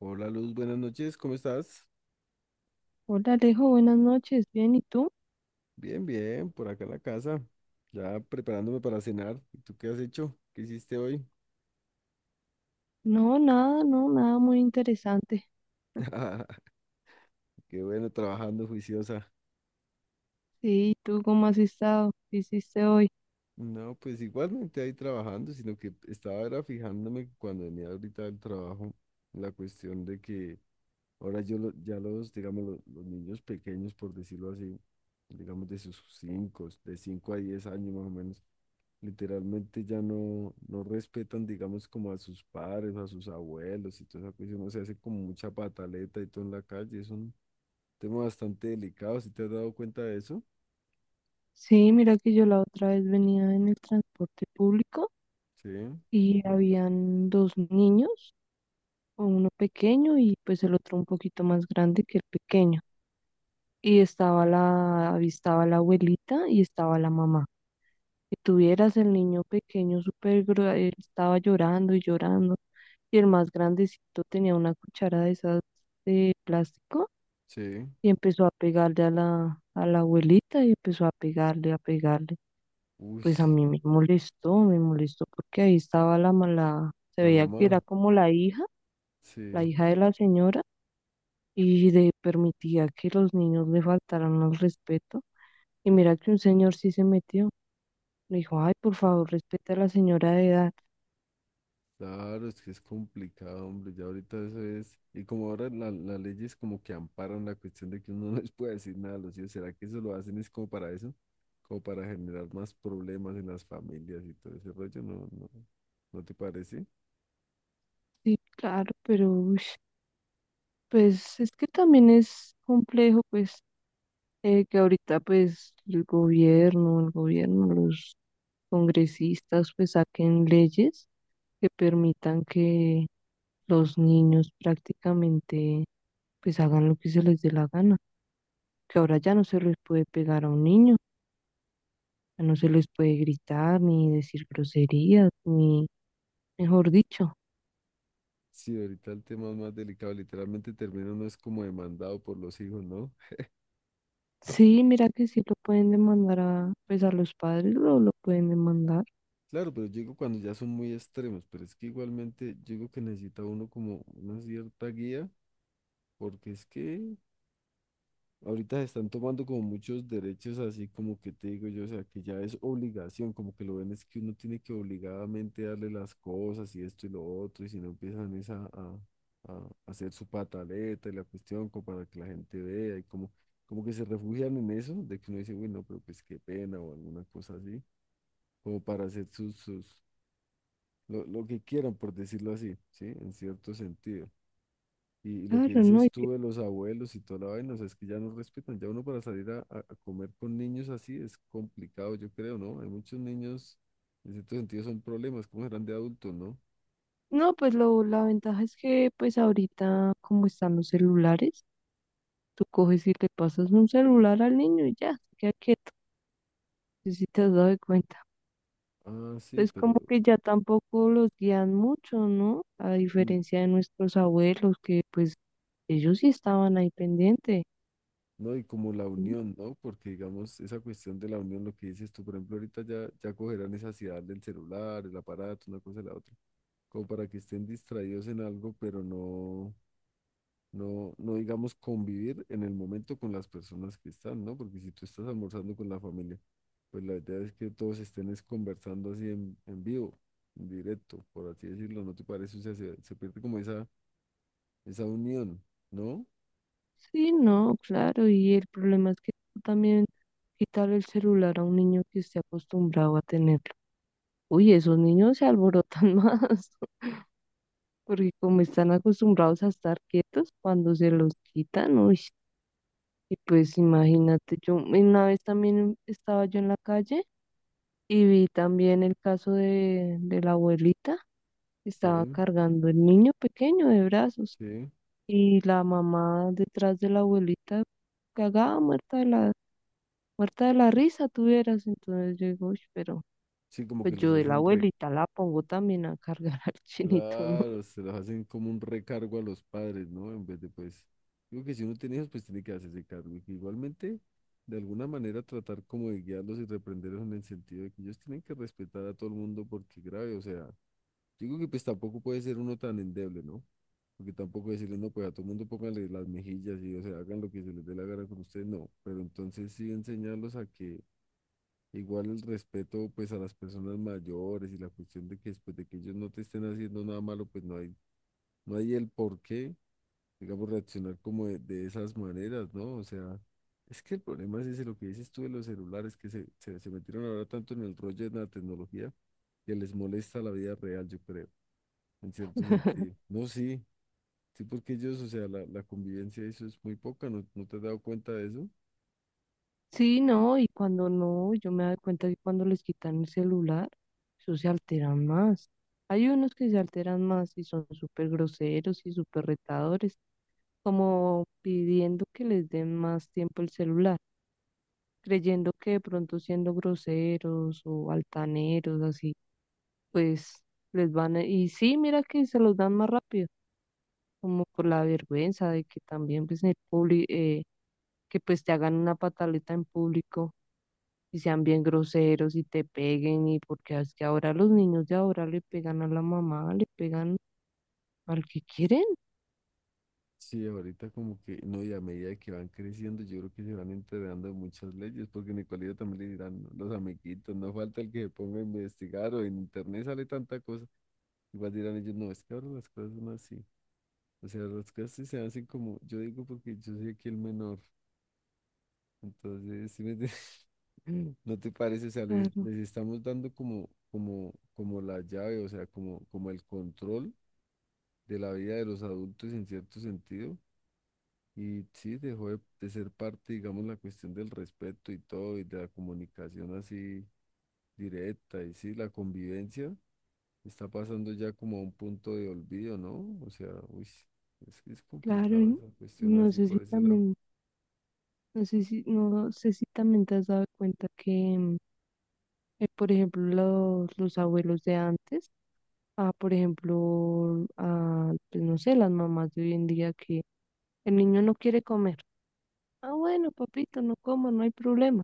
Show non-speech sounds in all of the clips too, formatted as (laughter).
Hola Luz, buenas noches, ¿cómo estás? Hola Alejo, buenas noches. Bien, ¿y tú? Bien, bien, por acá en la casa, ya preparándome para cenar. ¿Y tú qué has hecho? ¿Qué hiciste hoy? No, nada, no, nada muy interesante. (laughs) Qué bueno, trabajando juiciosa. Sí, ¿y tú cómo has estado? ¿Qué hiciste hoy? No, pues igualmente ahí trabajando, sino que estaba era fijándome cuando venía ahorita del trabajo, la cuestión de que ahora ya los, digamos, los niños pequeños, por decirlo así, digamos de 5 a 10 años más o menos. Literalmente ya no respetan, digamos, como a sus padres, a sus abuelos y toda esa cuestión. O sea, hace como mucha pataleta y todo en la calle. Es un tema bastante delicado, ¿si te has dado cuenta de eso? Sí, mira que yo la otra vez venía en el transporte público Sí, y habían dos niños, uno pequeño y pues el otro un poquito más grande que el pequeño. Y estaba la abuelita y estaba la mamá. Y tuvieras el niño pequeño súper, él estaba llorando y llorando, y el más grandecito tenía una cuchara de esas de plástico sí. y empezó a pegarle a la abuelita y empezó a pegarle. Uy, Pues a mí me molestó porque ahí estaba la mala, se la veía que mamá, era como la sí. hija de la señora, y le permitía que los niños le faltaran al respeto. Y mira que un señor sí se metió. Le dijo, ay, por favor, respeta a la señora de edad. Claro, es que es complicado, hombre. Ya ahorita eso es. Y como ahora las leyes como que amparan la cuestión de que uno (laughs) no les puede decir nada a los hijos, ¿será que eso lo hacen es como para eso? Como para generar más problemas en las familias y todo ese rollo, ¿no? ¿No te parece? Sí, claro, pero uy, pues es que también es complejo, pues que ahorita pues los congresistas pues saquen leyes que permitan que los niños prácticamente pues hagan lo que se les dé la gana, que ahora ya no se les puede pegar a un niño, ya no se les puede gritar ni decir groserías, ni mejor dicho. Sí, ahorita el tema es más delicado. Literalmente termina no es como demandado por los hijos, ¿no? Sí, mira que sí lo pueden demandar a, pues a los padres lo pueden demandar, Claro, pero yo digo cuando ya son muy extremos, pero es que igualmente yo digo que necesita uno como una cierta guía, porque es que ahorita se están tomando como muchos derechos, así como que te digo yo, o sea, que ya es obligación, como que lo ven es que uno tiene que obligadamente darle las cosas y esto y lo otro, y si no empiezan es a hacer su pataleta y la cuestión como para que la gente vea y como, como que se refugian en eso, de que uno dice, bueno, pero pues qué pena o alguna cosa así, como para hacer sus lo que quieran, por decirlo así, ¿sí? En cierto sentido. Y lo que claro, ¿no? dices tú de los abuelos y toda la vaina, o sea, es que ya no respetan. Ya uno para salir a comer con niños así es complicado, yo creo, ¿no? Hay muchos niños, en cierto sentido, son problemas, como serán de adultos, ¿no? No, pues lo, la ventaja es que pues ahorita como están los celulares, tú coges y le pasas un celular al niño y ya, se queda quieto, no sé si te has dado cuenta. Ah, sí, Entonces como pero que ya tampoco los guían mucho, ¿no? A mm, diferencia de nuestros abuelos, que pues ellos sí estaban ahí pendientes. no, y como la unión, ¿no? Porque, digamos, esa cuestión de la unión, lo que dices tú, por ejemplo, ahorita ya cogerán esa ansiedad del celular, el aparato, una cosa y la otra, como para que estén distraídos en algo, pero no. no, no digamos convivir en el momento con las personas que están, ¿no? Porque si tú estás almorzando con la familia, pues la idea es que todos estén es conversando así en vivo, en directo, por así decirlo, ¿no te parece? O sea, se pierde como esa unión, ¿no? Sí, no, claro, y el problema es que tú también quitarle el celular a un niño que esté acostumbrado a tenerlo. Uy, esos niños se alborotan (laughs) más, porque como están acostumbrados a estar quietos, cuando se los quitan, uy, y pues imagínate, yo una vez también estaba yo en la calle y vi también el caso de la abuelita, que estaba Sí, cargando el niño pequeño de brazos, sí. y la mamá detrás de la abuelita cagada, muerta de la risa, tuvieras, entonces yo digo, uy, pero Sí, como pues que los yo de la hacen. abuelita la pongo también a cargar (laughs) al chinito, ¿no? Claro, se los hacen como un recargo a los padres, ¿no? En vez de, pues, digo que si uno tiene hijos, pues tiene que hacerse cargo. Y que igualmente, de alguna manera, tratar como de guiarlos y reprenderlos en el sentido de que ellos tienen que respetar a todo el mundo porque grave, o sea, digo que pues tampoco puede ser uno tan endeble, ¿no? Porque tampoco decirle, no, pues a todo el mundo pónganle las mejillas y, o sea, hagan lo que se les dé la gana con ustedes, no. Pero entonces sí enseñarlos a que igual el respeto pues a las personas mayores y la cuestión de que después de que ellos no te estén haciendo nada malo, pues no hay el por qué, digamos, reaccionar como de esas maneras, ¿no? O sea, es que el problema es ese, lo que dices tú de los celulares, que se metieron ahora tanto en el rollo de la tecnología que les molesta la vida real, yo creo, en cierto sentido. (laughs) No, sí, sí, porque ellos, o sea, la convivencia, eso es muy poca, ¿no, no te has dado cuenta de eso? Sí, no, y cuando no, yo me doy cuenta que cuando les quitan el celular, eso se alteran más. Hay unos que se alteran más y son súper groseros y súper retadores, como pidiendo que les den más tiempo el celular, creyendo que de pronto siendo groseros o altaneros, así, pues les van a... Y sí, mira que se los dan más rápido, como por la vergüenza de que también pues, en el público, que pues te hagan una pataleta en público y sean bien groseros y te peguen, y porque es que ahora los niños de ahora le pegan a la mamá, le pegan al que quieren. Sí, ahorita como que, no, y a medida que van creciendo, yo creo que se van enterando de muchas leyes, porque en el colegio también le dirán, ¿no?, los amiguitos, no falta el que se ponga a investigar o en internet sale tanta cosa, igual dirán ellos, no, es que ahora las cosas son así, o sea, las cosas sí se hacen como, yo digo porque yo soy aquí el menor, entonces, ¿sí me entiendes? (laughs) ¿No te parece? O sea, Claro, les estamos dando como, como, como la llave, o sea, como, como el control de la vida de los adultos en cierto sentido. Y sí, dejó de ser parte, digamos, la cuestión del respeto y todo, y de la comunicación así directa, y sí, la convivencia está pasando ya como a un punto de olvido, ¿no? O sea, uy, es que es claro. complicado esa cuestión No así sé si por ese lado. también, no sé si también te has dado cuenta que, por ejemplo, los abuelos de antes, ah, por ejemplo, ah, pues no sé, las mamás de hoy en día que el niño no quiere comer. Ah, bueno, papito, no como, no hay problema.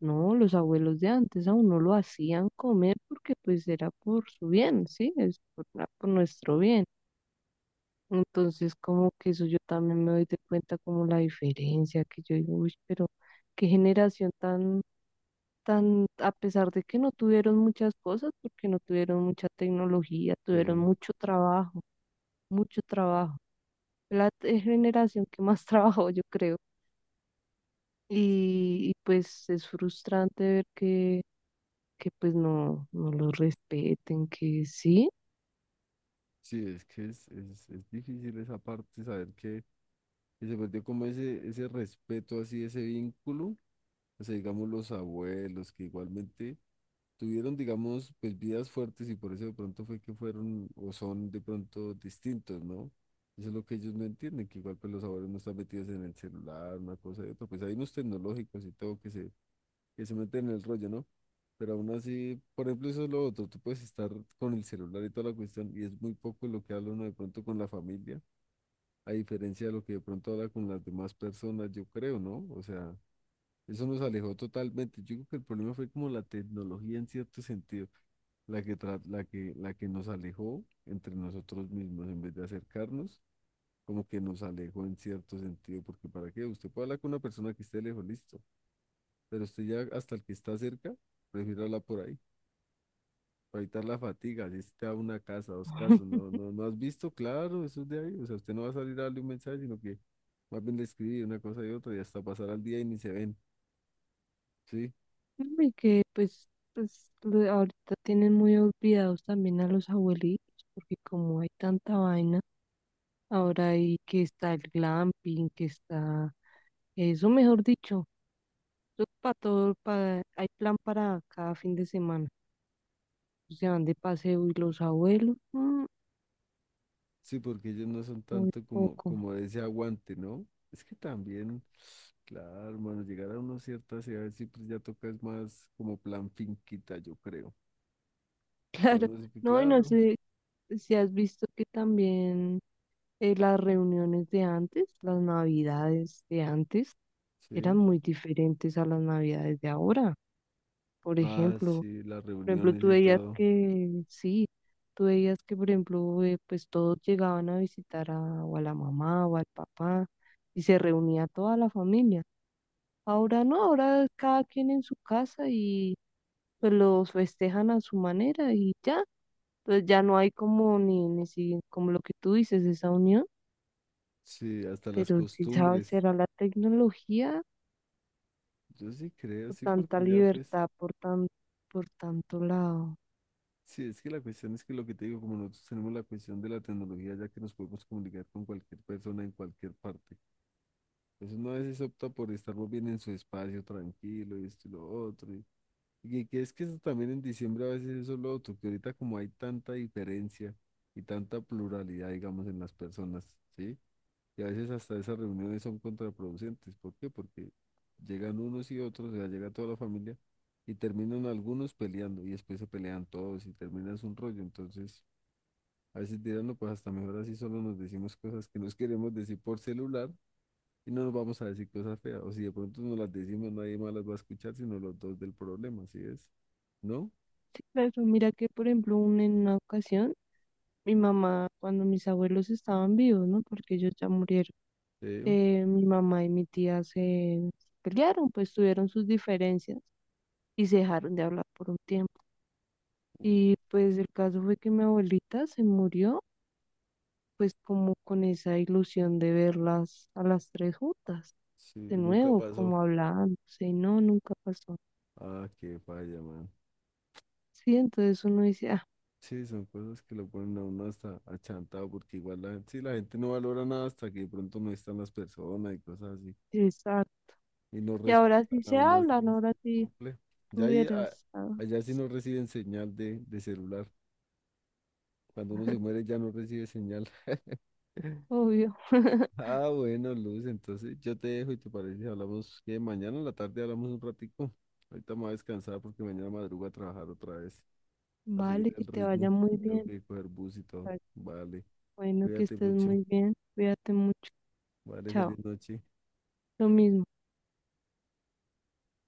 No, los abuelos de antes aún no lo hacían comer porque pues era por su bien, ¿sí? Es por, por nuestro bien. Entonces como que eso yo también me doy de cuenta como la diferencia, que yo digo, uy, pero qué generación tan, tan, a pesar de que no tuvieron muchas cosas, porque no tuvieron mucha tecnología, tuvieron Sí, mucho trabajo, mucho trabajo. La generación que más (laughs) trabajó, yo creo. Y pues es frustrante ver que pues no, no los respeten, que sí, sí, es que es difícil esa parte, saber que se perdió como ese respeto así, ese vínculo, o sea, digamos, los abuelos, que igualmente tuvieron, digamos, pues vidas fuertes y por eso de pronto fue que fueron o son de pronto distintos, ¿no? Eso es lo que ellos no entienden, que igual pues los abuelos no están metidos en el celular, una cosa y otra, pues hay unos tecnológicos y todo que se meten en el rollo, ¿no? Pero aún así, por ejemplo, eso es lo otro, tú puedes estar con el celular y toda la cuestión y es muy poco lo que habla uno de pronto con la familia, a diferencia de lo que de pronto habla con las demás personas, yo creo, ¿no? O sea, eso nos alejó totalmente. Yo creo que el problema fue como la tecnología en cierto sentido, la que, tra- la que nos alejó entre nosotros mismos en vez de acercarnos, como que nos alejó en cierto sentido, porque ¿para qué? Usted puede hablar con una persona que esté lejos, listo, pero usted ya hasta el que está cerca, prefiere hablar por ahí, para evitar la fatiga, si está a una casa, dos casas, (laughs) no, no, no has visto, claro, eso es de ahí, o sea, usted no va a salir a darle un mensaje, sino que más bien le escribe una cosa y otra y hasta pasar al día y ni se ven, ¿sí? y que pues, pues ahorita tienen muy olvidados también a los abuelitos, porque como hay tanta vaina, ahora hay que está el glamping, que está, eso mejor dicho, eso para todo, para, hay plan para cada fin de semana, se van de paseo y los abuelos, mm, Sí, porque ellos no son muy tanto como, poco, como de ese aguante, ¿no? Es que también, claro, hermano, llegar a una cierta edad sí, pues ya toca es más como plan finquita, yo creo. (laughs) Pero claro, no sé, pues, no, y no claro, sé si has visto que también... las reuniones de antes, las navidades de antes, sí. eran muy diferentes a las navidades de ahora. Por Ah, ejemplo, sí, las por ejemplo, reuniones tú y veías todo. que, sí, tú veías que, por ejemplo, pues todos llegaban a visitar a, o a la mamá o al papá, y se reunía toda la familia. Ahora no, ahora cada quien en su casa, y pues los festejan a su manera y ya. Entonces ya no hay como ni, ni si- como lo que tú dices, esa unión. Sí, hasta las Pero si sabes, costumbres. será la tecnología Yo sí creo, o sí, tanta porque ya pues, libertad por por tanto lado. sí, es que la cuestión es que lo que te digo, como nosotros tenemos la cuestión de la tecnología, ya que nos podemos comunicar con cualquier persona en cualquier parte. Entonces uno a veces opta por estar muy bien en su espacio, tranquilo, y esto y lo otro. Y que es que eso también en diciembre a veces eso es lo otro, que ahorita como hay tanta diferencia y tanta pluralidad, digamos, en las personas, ¿sí? Y a veces hasta esas reuniones son contraproducentes. ¿Por qué? Porque llegan unos y otros, o sea, llega toda la familia y terminan algunos peleando y después se pelean todos y terminas un rollo. Entonces, a veces dirán, no, pues hasta mejor así solo nos decimos cosas que nos queremos decir por celular y no nos vamos a decir cosas feas. O si de pronto nos las decimos, nadie más las va a escuchar, sino los dos del problema, ¿sí es? ¿No? Sí, pero mira que, por ejemplo, en una ocasión, mi mamá, cuando mis abuelos estaban vivos, ¿no? Porque ellos ya murieron, Sí, mi mamá y mi tía se pelearon, pues tuvieron sus diferencias y se dejaron de hablar por un tiempo. Y pues el caso fue que mi abuelita se murió pues como con esa ilusión de verlas a las tres juntas, sí, de nunca nuevo, pasó. como hablándose, y no, nunca pasó. Ah, qué falla, man. Sí, entonces uno dice, ah, Sí, son cosas que lo ponen a uno hasta achantado, porque igual la, sí, la gente no valora nada hasta que de pronto no están las personas y cosas así. exacto. Y no Y ahora respetan sí a se uno así, hablan, es ahora que es sí complejo. Ya ahí, tuvieras, ah, allá sí no reciben señal de celular. Cuando uno se muere ya no recibe señal. (laughs) obvio. (laughs) Ah, bueno, Luz, entonces yo te dejo y te parece, hablamos que mañana en la tarde hablamos un ratico. Ahorita me voy a descansar porque mañana madrugo a trabajar otra vez, a seguir Vale, que el te vaya ritmo. muy Tengo bien. que coger bus y todo. Vale, Bueno, que cuídate estés mucho. muy bien. Cuídate mucho. Vale, Chao. feliz noche. Lo mismo.